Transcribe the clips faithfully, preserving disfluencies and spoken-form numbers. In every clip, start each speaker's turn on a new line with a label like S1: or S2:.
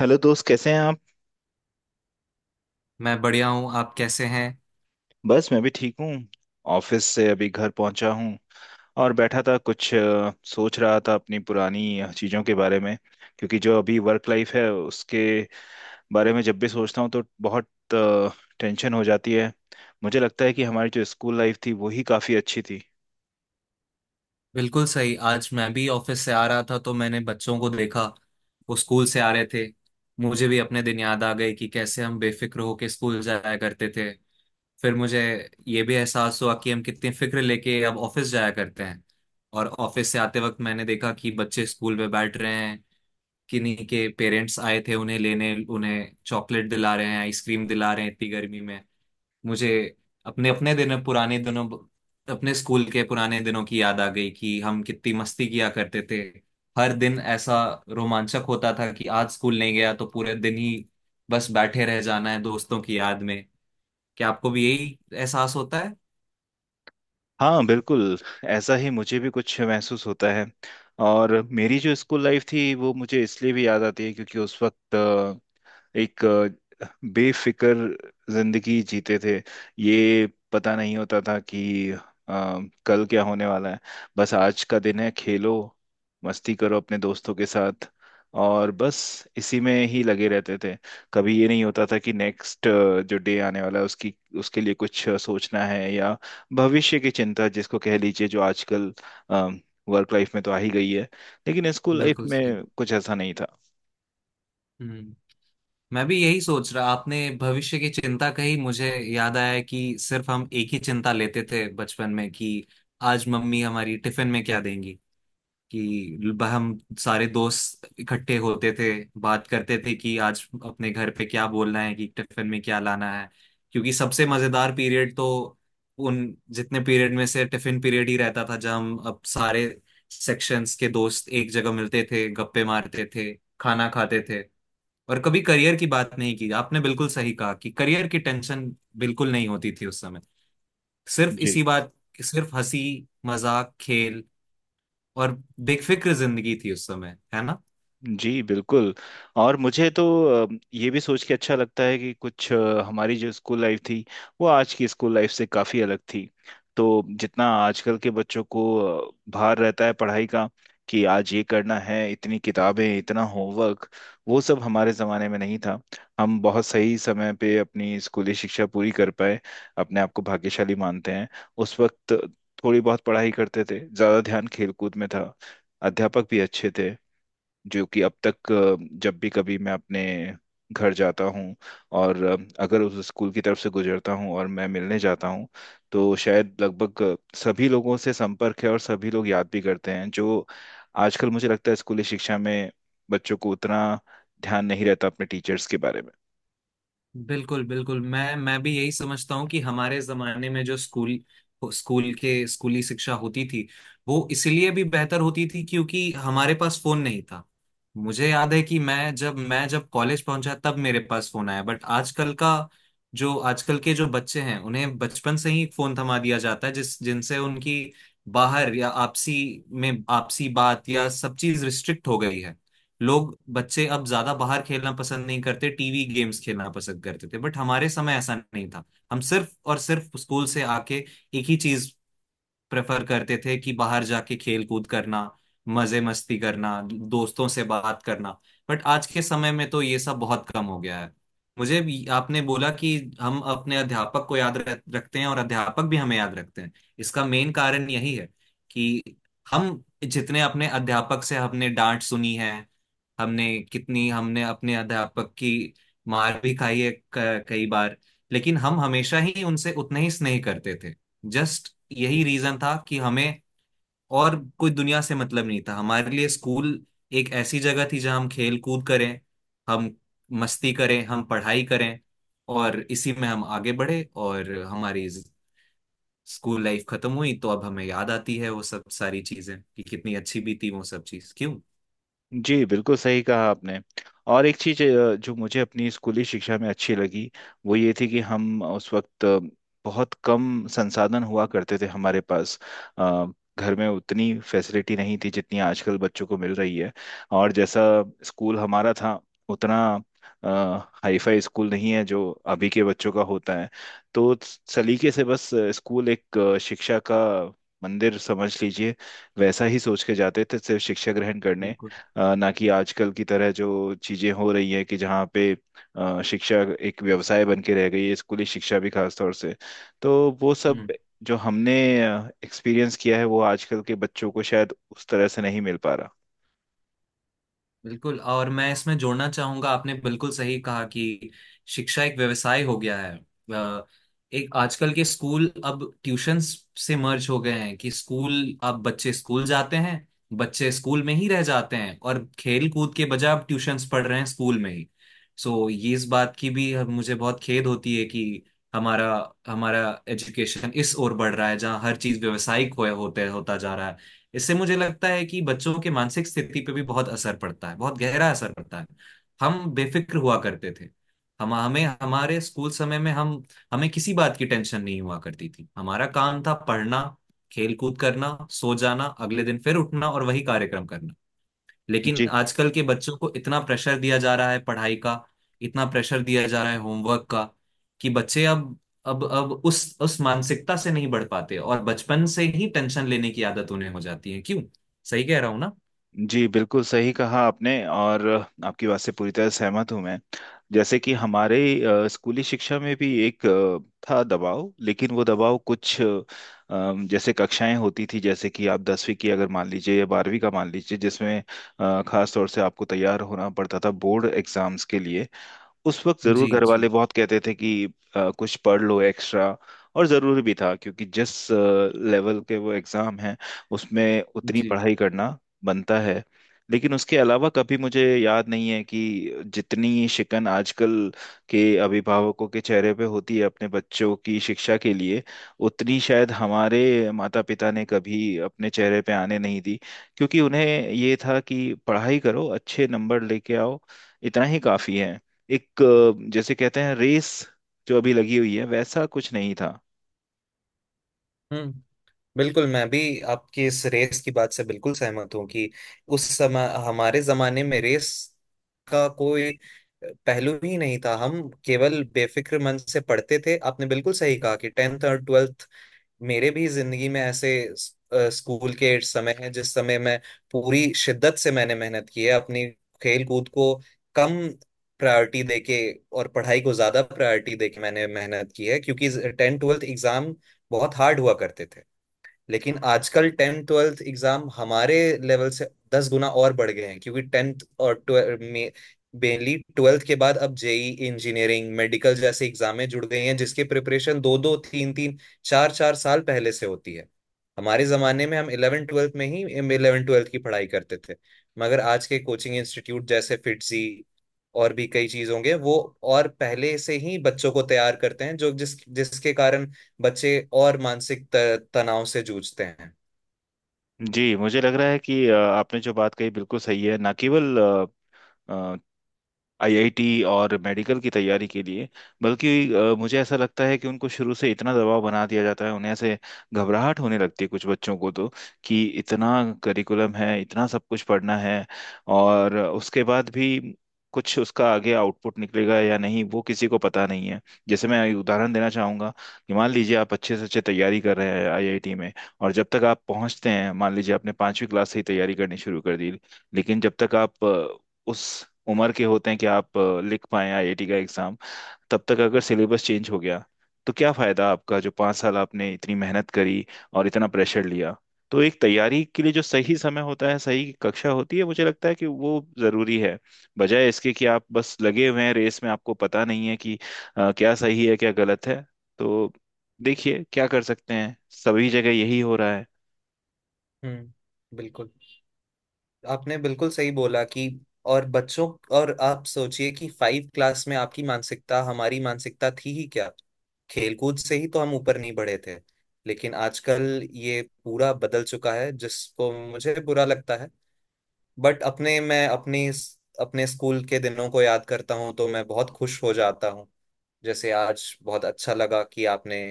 S1: Hello दोस्त, कैसे हैं आप।
S2: मैं बढ़िया हूँ। आप कैसे हैं?
S1: बस मैं भी ठीक हूँ। ऑफिस से अभी घर पहुंचा हूँ और बैठा था, कुछ अ, सोच रहा था अपनी पुरानी चीज़ों के बारे में। क्योंकि जो अभी वर्क लाइफ है उसके बारे में जब भी सोचता हूँ तो बहुत टेंशन हो जाती है। मुझे लगता है कि हमारी जो स्कूल लाइफ थी वो ही काफ़ी अच्छी थी।
S2: बिल्कुल सही। आज मैं भी ऑफिस से आ रहा था तो मैंने बच्चों को देखा। वो स्कूल से आ रहे थे। मुझे भी अपने दिन याद आ गए कि कैसे हम बेफिक्र होके स्कूल जाया करते थे। फिर मुझे ये भी एहसास हुआ कि हम कितनी फिक्र लेके अब ऑफिस जाया करते हैं। और ऑफिस से आते वक्त मैंने देखा कि बच्चे स्कूल में बैठ रहे हैं। किन्हीं के पेरेंट्स आए थे उन्हें लेने, उन्हें चॉकलेट दिला रहे हैं, आइसक्रीम दिला रहे हैं इतनी गर्मी में। मुझे अपने अपने दिनों पुराने दिनों अपने स्कूल के पुराने दिनों की याद आ गई कि हम कितनी मस्ती किया करते थे। हर दिन ऐसा रोमांचक होता था कि आज स्कूल नहीं गया तो पूरे दिन ही बस बैठे रह जाना है दोस्तों की याद में। क्या आपको भी यही एहसास होता है?
S1: हाँ बिल्कुल, ऐसा ही मुझे भी कुछ महसूस होता है। और मेरी जो स्कूल लाइफ थी वो मुझे इसलिए भी याद आती है क्योंकि उस वक्त एक अ, बेफिक्र जिंदगी जीते थे। ये पता नहीं होता था कि अ, कल क्या होने वाला है। बस आज का दिन है, खेलो, मस्ती करो अपने दोस्तों के साथ, और बस इसी में ही लगे रहते थे। कभी ये नहीं होता था कि नेक्स्ट जो डे आने वाला है उसकी, उसके लिए कुछ अ, सोचना है या भविष्य की चिंता, जिसको कह लीजिए जो आजकल वर्क लाइफ में तो आ ही गई है, लेकिन स्कूल लाइफ
S2: बिल्कुल सही।
S1: में कुछ ऐसा नहीं था।
S2: हम्म। मैं भी यही सोच रहा। आपने भविष्य की चिंता कही, मुझे याद आया कि सिर्फ हम एक ही चिंता लेते थे बचपन में कि आज मम्मी हमारी टिफिन में क्या देंगी। कि ब- हम सारे दोस्त इकट्ठे होते थे, बात करते थे कि आज अपने घर पे क्या बोलना है कि टिफिन में क्या लाना है। क्योंकि सबसे मजेदार पीरियड तो उन जितने पीरियड में से टिफिन पीरियड ही रहता था जब हम अब सारे सेक्शंस के दोस्त एक जगह मिलते थे, गप्पे मारते थे, खाना खाते थे। और कभी करियर की बात नहीं की। आपने बिल्कुल सही कहा कि करियर की टेंशन बिल्कुल नहीं होती थी उस समय। सिर्फ
S1: जी।
S2: इसी बात सिर्फ हंसी मजाक खेल और बेफिक्र जिंदगी थी उस समय, है ना?
S1: जी बिल्कुल। और मुझे तो अ, ये भी सोच के अच्छा लगता है कि कुछ अ, हमारी जो स्कूल लाइफ थी वो आज की स्कूल लाइफ से काफ़ी अलग थी। तो जितना आजकल के बच्चों को अ, भार रहता है पढ़ाई का, कि आज ये करना है, इतनी किताबें, इतना होमवर्क, वो सब हमारे ज़माने में नहीं था। हम बहुत सही समय पे अपनी स्कूली शिक्षा पूरी कर पाए, अपने आप को भाग्यशाली मानते हैं। उस वक्त थोड़ी बहुत पढ़ाई करते थे, ज़्यादा ध्यान खेलकूद में था। अध्यापक भी अच्छे थे, जो कि अब तक अ, जब भी कभी मैं अपने घर जाता हूँ और अ, अगर उस स्कूल की तरफ से गुजरता हूँ और मैं मिलने जाता हूँ, तो शायद लगभग अ, सभी लोगों से संपर्क है और सभी लोग याद भी करते हैं। जो आजकल मुझे लगता है, स्कूली शिक्षा में बच्चों को उतना ध्यान नहीं रहता अपने टीचर्स के बारे में।
S2: बिल्कुल, बिल्कुल। मैं मैं भी यही समझता हूँ कि हमारे जमाने में जो स्कूल स्कूल के स्कूली शिक्षा होती थी वो इसलिए भी बेहतर होती थी क्योंकि हमारे पास फोन नहीं था। मुझे याद है कि मैं जब मैं जब कॉलेज पहुंचा तब मेरे पास फोन आया। बट आजकल का जो आजकल के जो बच्चे हैं उन्हें बचपन से ही फोन थमा दिया जाता है, जिस जिनसे उनकी बाहर या आपसी में आपसी बात या सब चीज रिस्ट्रिक्ट हो गई है। लोग बच्चे अब ज्यादा बाहर खेलना पसंद नहीं करते, टीवी गेम्स खेलना पसंद करते थे। बट हमारे समय ऐसा नहीं था। हम सिर्फ और सिर्फ स्कूल से आके एक ही चीज प्रेफर करते थे कि बाहर जाके खेल कूद करना, मजे मस्ती करना, दोस्तों से बात करना। बट आज के समय में तो ये सब बहुत कम हो गया है। मुझे भी आपने बोला कि हम अपने अध्यापक को याद रख- रखते हैं और अध्यापक भी हमें याद रखते हैं। इसका मेन कारण यही है कि हम जितने अपने अध्यापक से हमने डांट सुनी है, हमने कितनी हमने अपने अध्यापक की मार भी खाई है क- कई बार। लेकिन हम हमेशा ही उनसे उतना ही स्नेह करते थे। जस्ट यही रीजन था कि हमें और कोई दुनिया से मतलब नहीं था। हमारे लिए स्कूल एक ऐसी जगह थी जहां हम खेल कूद करें, हम मस्ती करें, हम पढ़ाई करें। और इसी में हम आगे बढ़े और हमारी ज- स्कूल लाइफ खत्म हुई तो अब हमें याद आती है वो सब सारी चीजें कि कितनी अच्छी भी थी वो सब चीज, क्यों?
S1: जी बिल्कुल सही कहा आपने। और एक चीज अ, जो मुझे अपनी स्कूली शिक्षा में अच्छी लगी वो ये थी कि हम उस वक्त अ, बहुत कम संसाधन हुआ करते थे हमारे पास। अ, घर में उतनी फैसिलिटी नहीं थी जितनी आजकल बच्चों को मिल रही है। और जैसा स्कूल हमारा था, उतना हाईफाई स्कूल नहीं है जो अभी के बच्चों का होता है। तो सलीके से बस अ, स्कूल एक अ, शिक्षा का मंदिर समझ लीजिए, वैसा ही सोच के जाते थे सिर्फ शिक्षा ग्रहण करने।
S2: बिल्कुल,
S1: अ, ना कि आजकल की तरह जो चीजें हो रही है कि जहाँ पे अ, शिक्षा एक व्यवसाय बन के रह गई है, स्कूली शिक्षा भी खास तौर से। तो वो सब जो हमने एक्सपीरियंस किया है वो आजकल के बच्चों को शायद उस तरह से नहीं मिल पा रहा।
S2: बिल्कुल। और मैं इसमें जोड़ना चाहूंगा, आपने बिल्कुल सही कहा कि शिक्षा एक व्यवसाय हो गया है। अ, एक आजकल के स्कूल अब ट्यूशंस से मर्ज हो गए हैं कि स्कूल अब बच्चे स्कूल जाते हैं, बच्चे स्कूल में ही रह जाते हैं और खेल कूद के बजाय अब ट्यूशंस पढ़ रहे हैं स्कूल में ही। सो ये इस बात की भी हम- मुझे बहुत खेद होती है कि हमारा हमारा एजुकेशन इस ओर बढ़ रहा है जहाँ हर चीज व्यवसायिक हो होते होता जा रहा है। इससे मुझे लगता है कि बच्चों के मानसिक स्थिति पे भी बहुत असर पड़ता है, बहुत गहरा असर पड़ता है। हम बेफिक्र हुआ करते थे। हम हमें हमारे स्कूल समय में हम हमें किसी बात की टेंशन नहीं हुआ करती थी। हमारा काम था पढ़ना, खेल कूद करना, सो जाना, अगले दिन फिर उठना और वही कार्यक्रम करना। लेकिन
S1: जी।
S2: आजकल के बच्चों को इतना प्रेशर दिया जा रहा है पढ़ाई का, इतना प्रेशर दिया जा रहा है होमवर्क का कि बच्चे अब अब अब उस उस मानसिकता से नहीं बढ़ पाते और बचपन से ही टेंशन लेने की आदत उन्हें हो जाती है, क्यों? सही कह रहा हूं ना?
S1: जी बिल्कुल सही कहा आपने, और आपकी बात से पूरी तरह सहमत हूं मैं। जैसे कि हमारे अ, स्कूली शिक्षा में भी एक अ, था दबाव, लेकिन वो दबाव कुछ अ, अम, जैसे कक्षाएं होती थी, जैसे कि आप दसवीं की अगर मान लीजिए या बारहवीं का मान लीजिए, जिसमें अ, खास तौर से आपको तैयार होना पड़ता था बोर्ड एग्जाम्स के लिए। उस वक्त जरूर
S2: जी,
S1: घर वाले
S2: जी,
S1: बहुत कहते थे कि अ, कुछ पढ़ लो एक्स्ट्रा। और जरूरी भी था, क्योंकि जिस लेवल के वो एग्जाम हैं उसमें उतनी
S2: जी।
S1: पढ़ाई करना बनता है। लेकिन उसके अलावा कभी मुझे याद नहीं है कि जितनी शिकन आजकल के अभिभावकों के चेहरे पे होती है अपने बच्चों की शिक्षा के लिए, उतनी शायद हमारे माता पिता ने कभी अपने चेहरे पे आने नहीं दी। क्योंकि उन्हें ये था कि पढ़ाई करो, अच्छे नंबर लेके आओ, इतना ही काफी है। एक अ, जैसे कहते हैं रेस जो अभी लगी हुई है, वैसा कुछ नहीं था।
S2: हम्म बिल्कुल मैं भी आपकी इस रेस की बात से बिल्कुल सहमत हूँ कि उस समय हमारे जमाने में रेस का कोई पहलू ही नहीं था हम केवल बेफिक्र मन से पढ़ते थे आपने बिल्कुल सही कहा कि टेंथ और ट्वेल्थ मेरे भी जिंदगी में ऐसे स- अ, स्कूल के समय है जिस समय मैं पूरी शिद्दत से मैंने मेहनत की है अपनी खेल कूद को कम प्रायोरिटी देके और पढ़ाई को ज्यादा प्रायोरिटी देके मैंने मेहनत की है क्योंकि टेंथ ट्वेल्थ एग्जाम बहुत हार्ड हुआ करते थे लेकिन आजकल टेंथ ट्वेल्थ एग्जाम हमारे लेवल से दस गुना और बढ़ गए हैं क्योंकि टेंथ और ट्वेल्थ में मेनली ट्वेल्थ के बाद अब जेई इंजीनियरिंग मेडिकल जैसे एग्जामें जुड़ गई हैं जिसकी प्रिपरेशन दो दो तीन तीन चार चार साल पहले से होती है हमारे जमाने में हम इलेवन ट्वेल्थ में ही इलेवन ट्वेल्थ की पढ़ाई करते थे मगर आज के कोचिंग इंस्टीट्यूट जैसे फिटजी और भी कई चीज होंगे वो और पहले से ही बच्चों को तैयार करते हैं जो जिस जिसके कारण बच्चे और मानसिक त- तनाव से जूझते हैं
S1: जी मुझे लग रहा है कि अ, आपने जो बात कही बिल्कुल सही है। ना केवल आई आई टी और मेडिकल की तैयारी के लिए, बल्कि अ, मुझे ऐसा लगता है कि उनको शुरू से इतना दबाव बना दिया जाता है, उन्हें ऐसे घबराहट होने लगती है, कुछ बच्चों को तो, कि इतना करिकुलम है, इतना सब कुछ पढ़ना है। और उसके बाद भी कुछ उसका आगे आउटपुट निकलेगा या नहीं, वो किसी को पता नहीं है। जैसे मैं एक उदाहरण देना चाहूंगा कि मान लीजिए आप अच्छे से अच्छे तैयारी कर रहे हैं आई आई टी में, और जब तक आप पहुंचते हैं, मान लीजिए आपने पांचवी क्लास से ही तैयारी करनी शुरू कर दी, लेकिन जब तक आप उस उम्र के होते हैं कि आप अ, लिख पाए आई आई टी का एग्जाम, तब तक अगर सिलेबस चेंज हो गया, तो क्या फायदा आपका जो पाँच साल आपने इतनी मेहनत करी और इतना प्रेशर लिया। तो एक तैयारी के लिए जो सही समय होता है, सही कक्षा होती है, मुझे लगता है कि वो जरूरी है, बजाय इसके कि आप बस लगे हुए हैं रेस में, आपको पता नहीं है कि अ, क्या सही है क्या गलत है। तो देखिए क्या कर सकते हैं, सभी जगह यही हो रहा है।
S2: हम्म, बिल्कुल। आपने बिल्कुल सही बोला कि और बच्चों और आप सोचिए कि फाइव क्लास में आपकी मानसिकता हमारी मानसिकता थी ही क्या? खेलकूद से ही तो हम ऊपर नहीं बढ़े थे। लेकिन आजकल ये पूरा बदल चुका है जिसको मुझे बुरा लगता है। बट अपने मैं अपनी अपने स्कूल के दिनों को याद करता हूँ तो मैं बहुत खुश हो जाता हूँ। जैसे आज बहुत अच्छा लगा कि आपने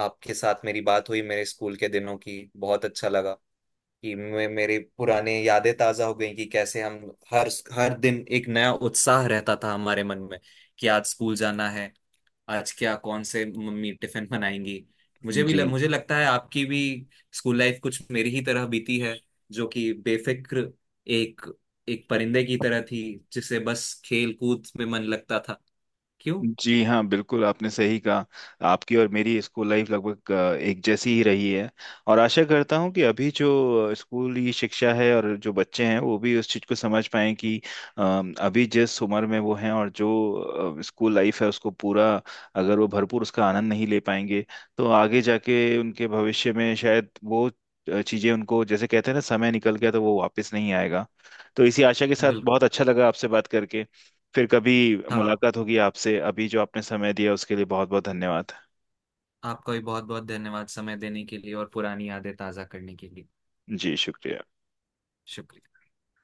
S2: आपके साथ मेरी बात हुई मेरे स्कूल के दिनों की, बहुत अच्छा लगा कि मैं मेरे पुराने यादें ताजा हो गई कि कैसे हम हर हर दिन एक नया उत्साह रहता था हमारे मन में कि आज स्कूल जाना है, आज क्या कौन से मम्मी टिफिन बनाएंगी। मुझे भी
S1: जी।
S2: ल, मुझे लगता है आपकी भी स्कूल लाइफ कुछ मेरी ही तरह बीती है, जो कि बेफिक्र एक एक परिंदे की तरह थी जिसे बस खेल कूद में मन लगता था, क्यों?
S1: जी हाँ बिल्कुल आपने सही कहा। आपकी और मेरी स्कूल लाइफ लगभग अ, एक जैसी ही रही है। और आशा करता हूँ कि अभी जो स्कूली शिक्षा है और जो बच्चे हैं वो भी उस चीज़ को समझ पाएं कि अ, अभी जिस उम्र में वो हैं और जो स्कूल लाइफ है उसको पूरा, अगर वो भरपूर उसका आनंद नहीं ले पाएंगे, तो आगे जाके उनके भविष्य में शायद वो चीज़ें उनको, जैसे कहते हैं ना, समय निकल गया तो वो वापस नहीं आएगा। तो इसी आशा के साथ,
S2: बिल्कुल।
S1: बहुत अच्छा लगा आपसे बात करके। फिर कभी
S2: हाँ।
S1: मुलाकात होगी आपसे। अभी जो आपने समय दिया उसके लिए बहुत बहुत धन्यवाद।
S2: आपका भी बहुत बहुत धन्यवाद समय देने के लिए और पुरानी यादें ताज़ा करने के लिए।
S1: जी शुक्रिया।
S2: शुक्रिया।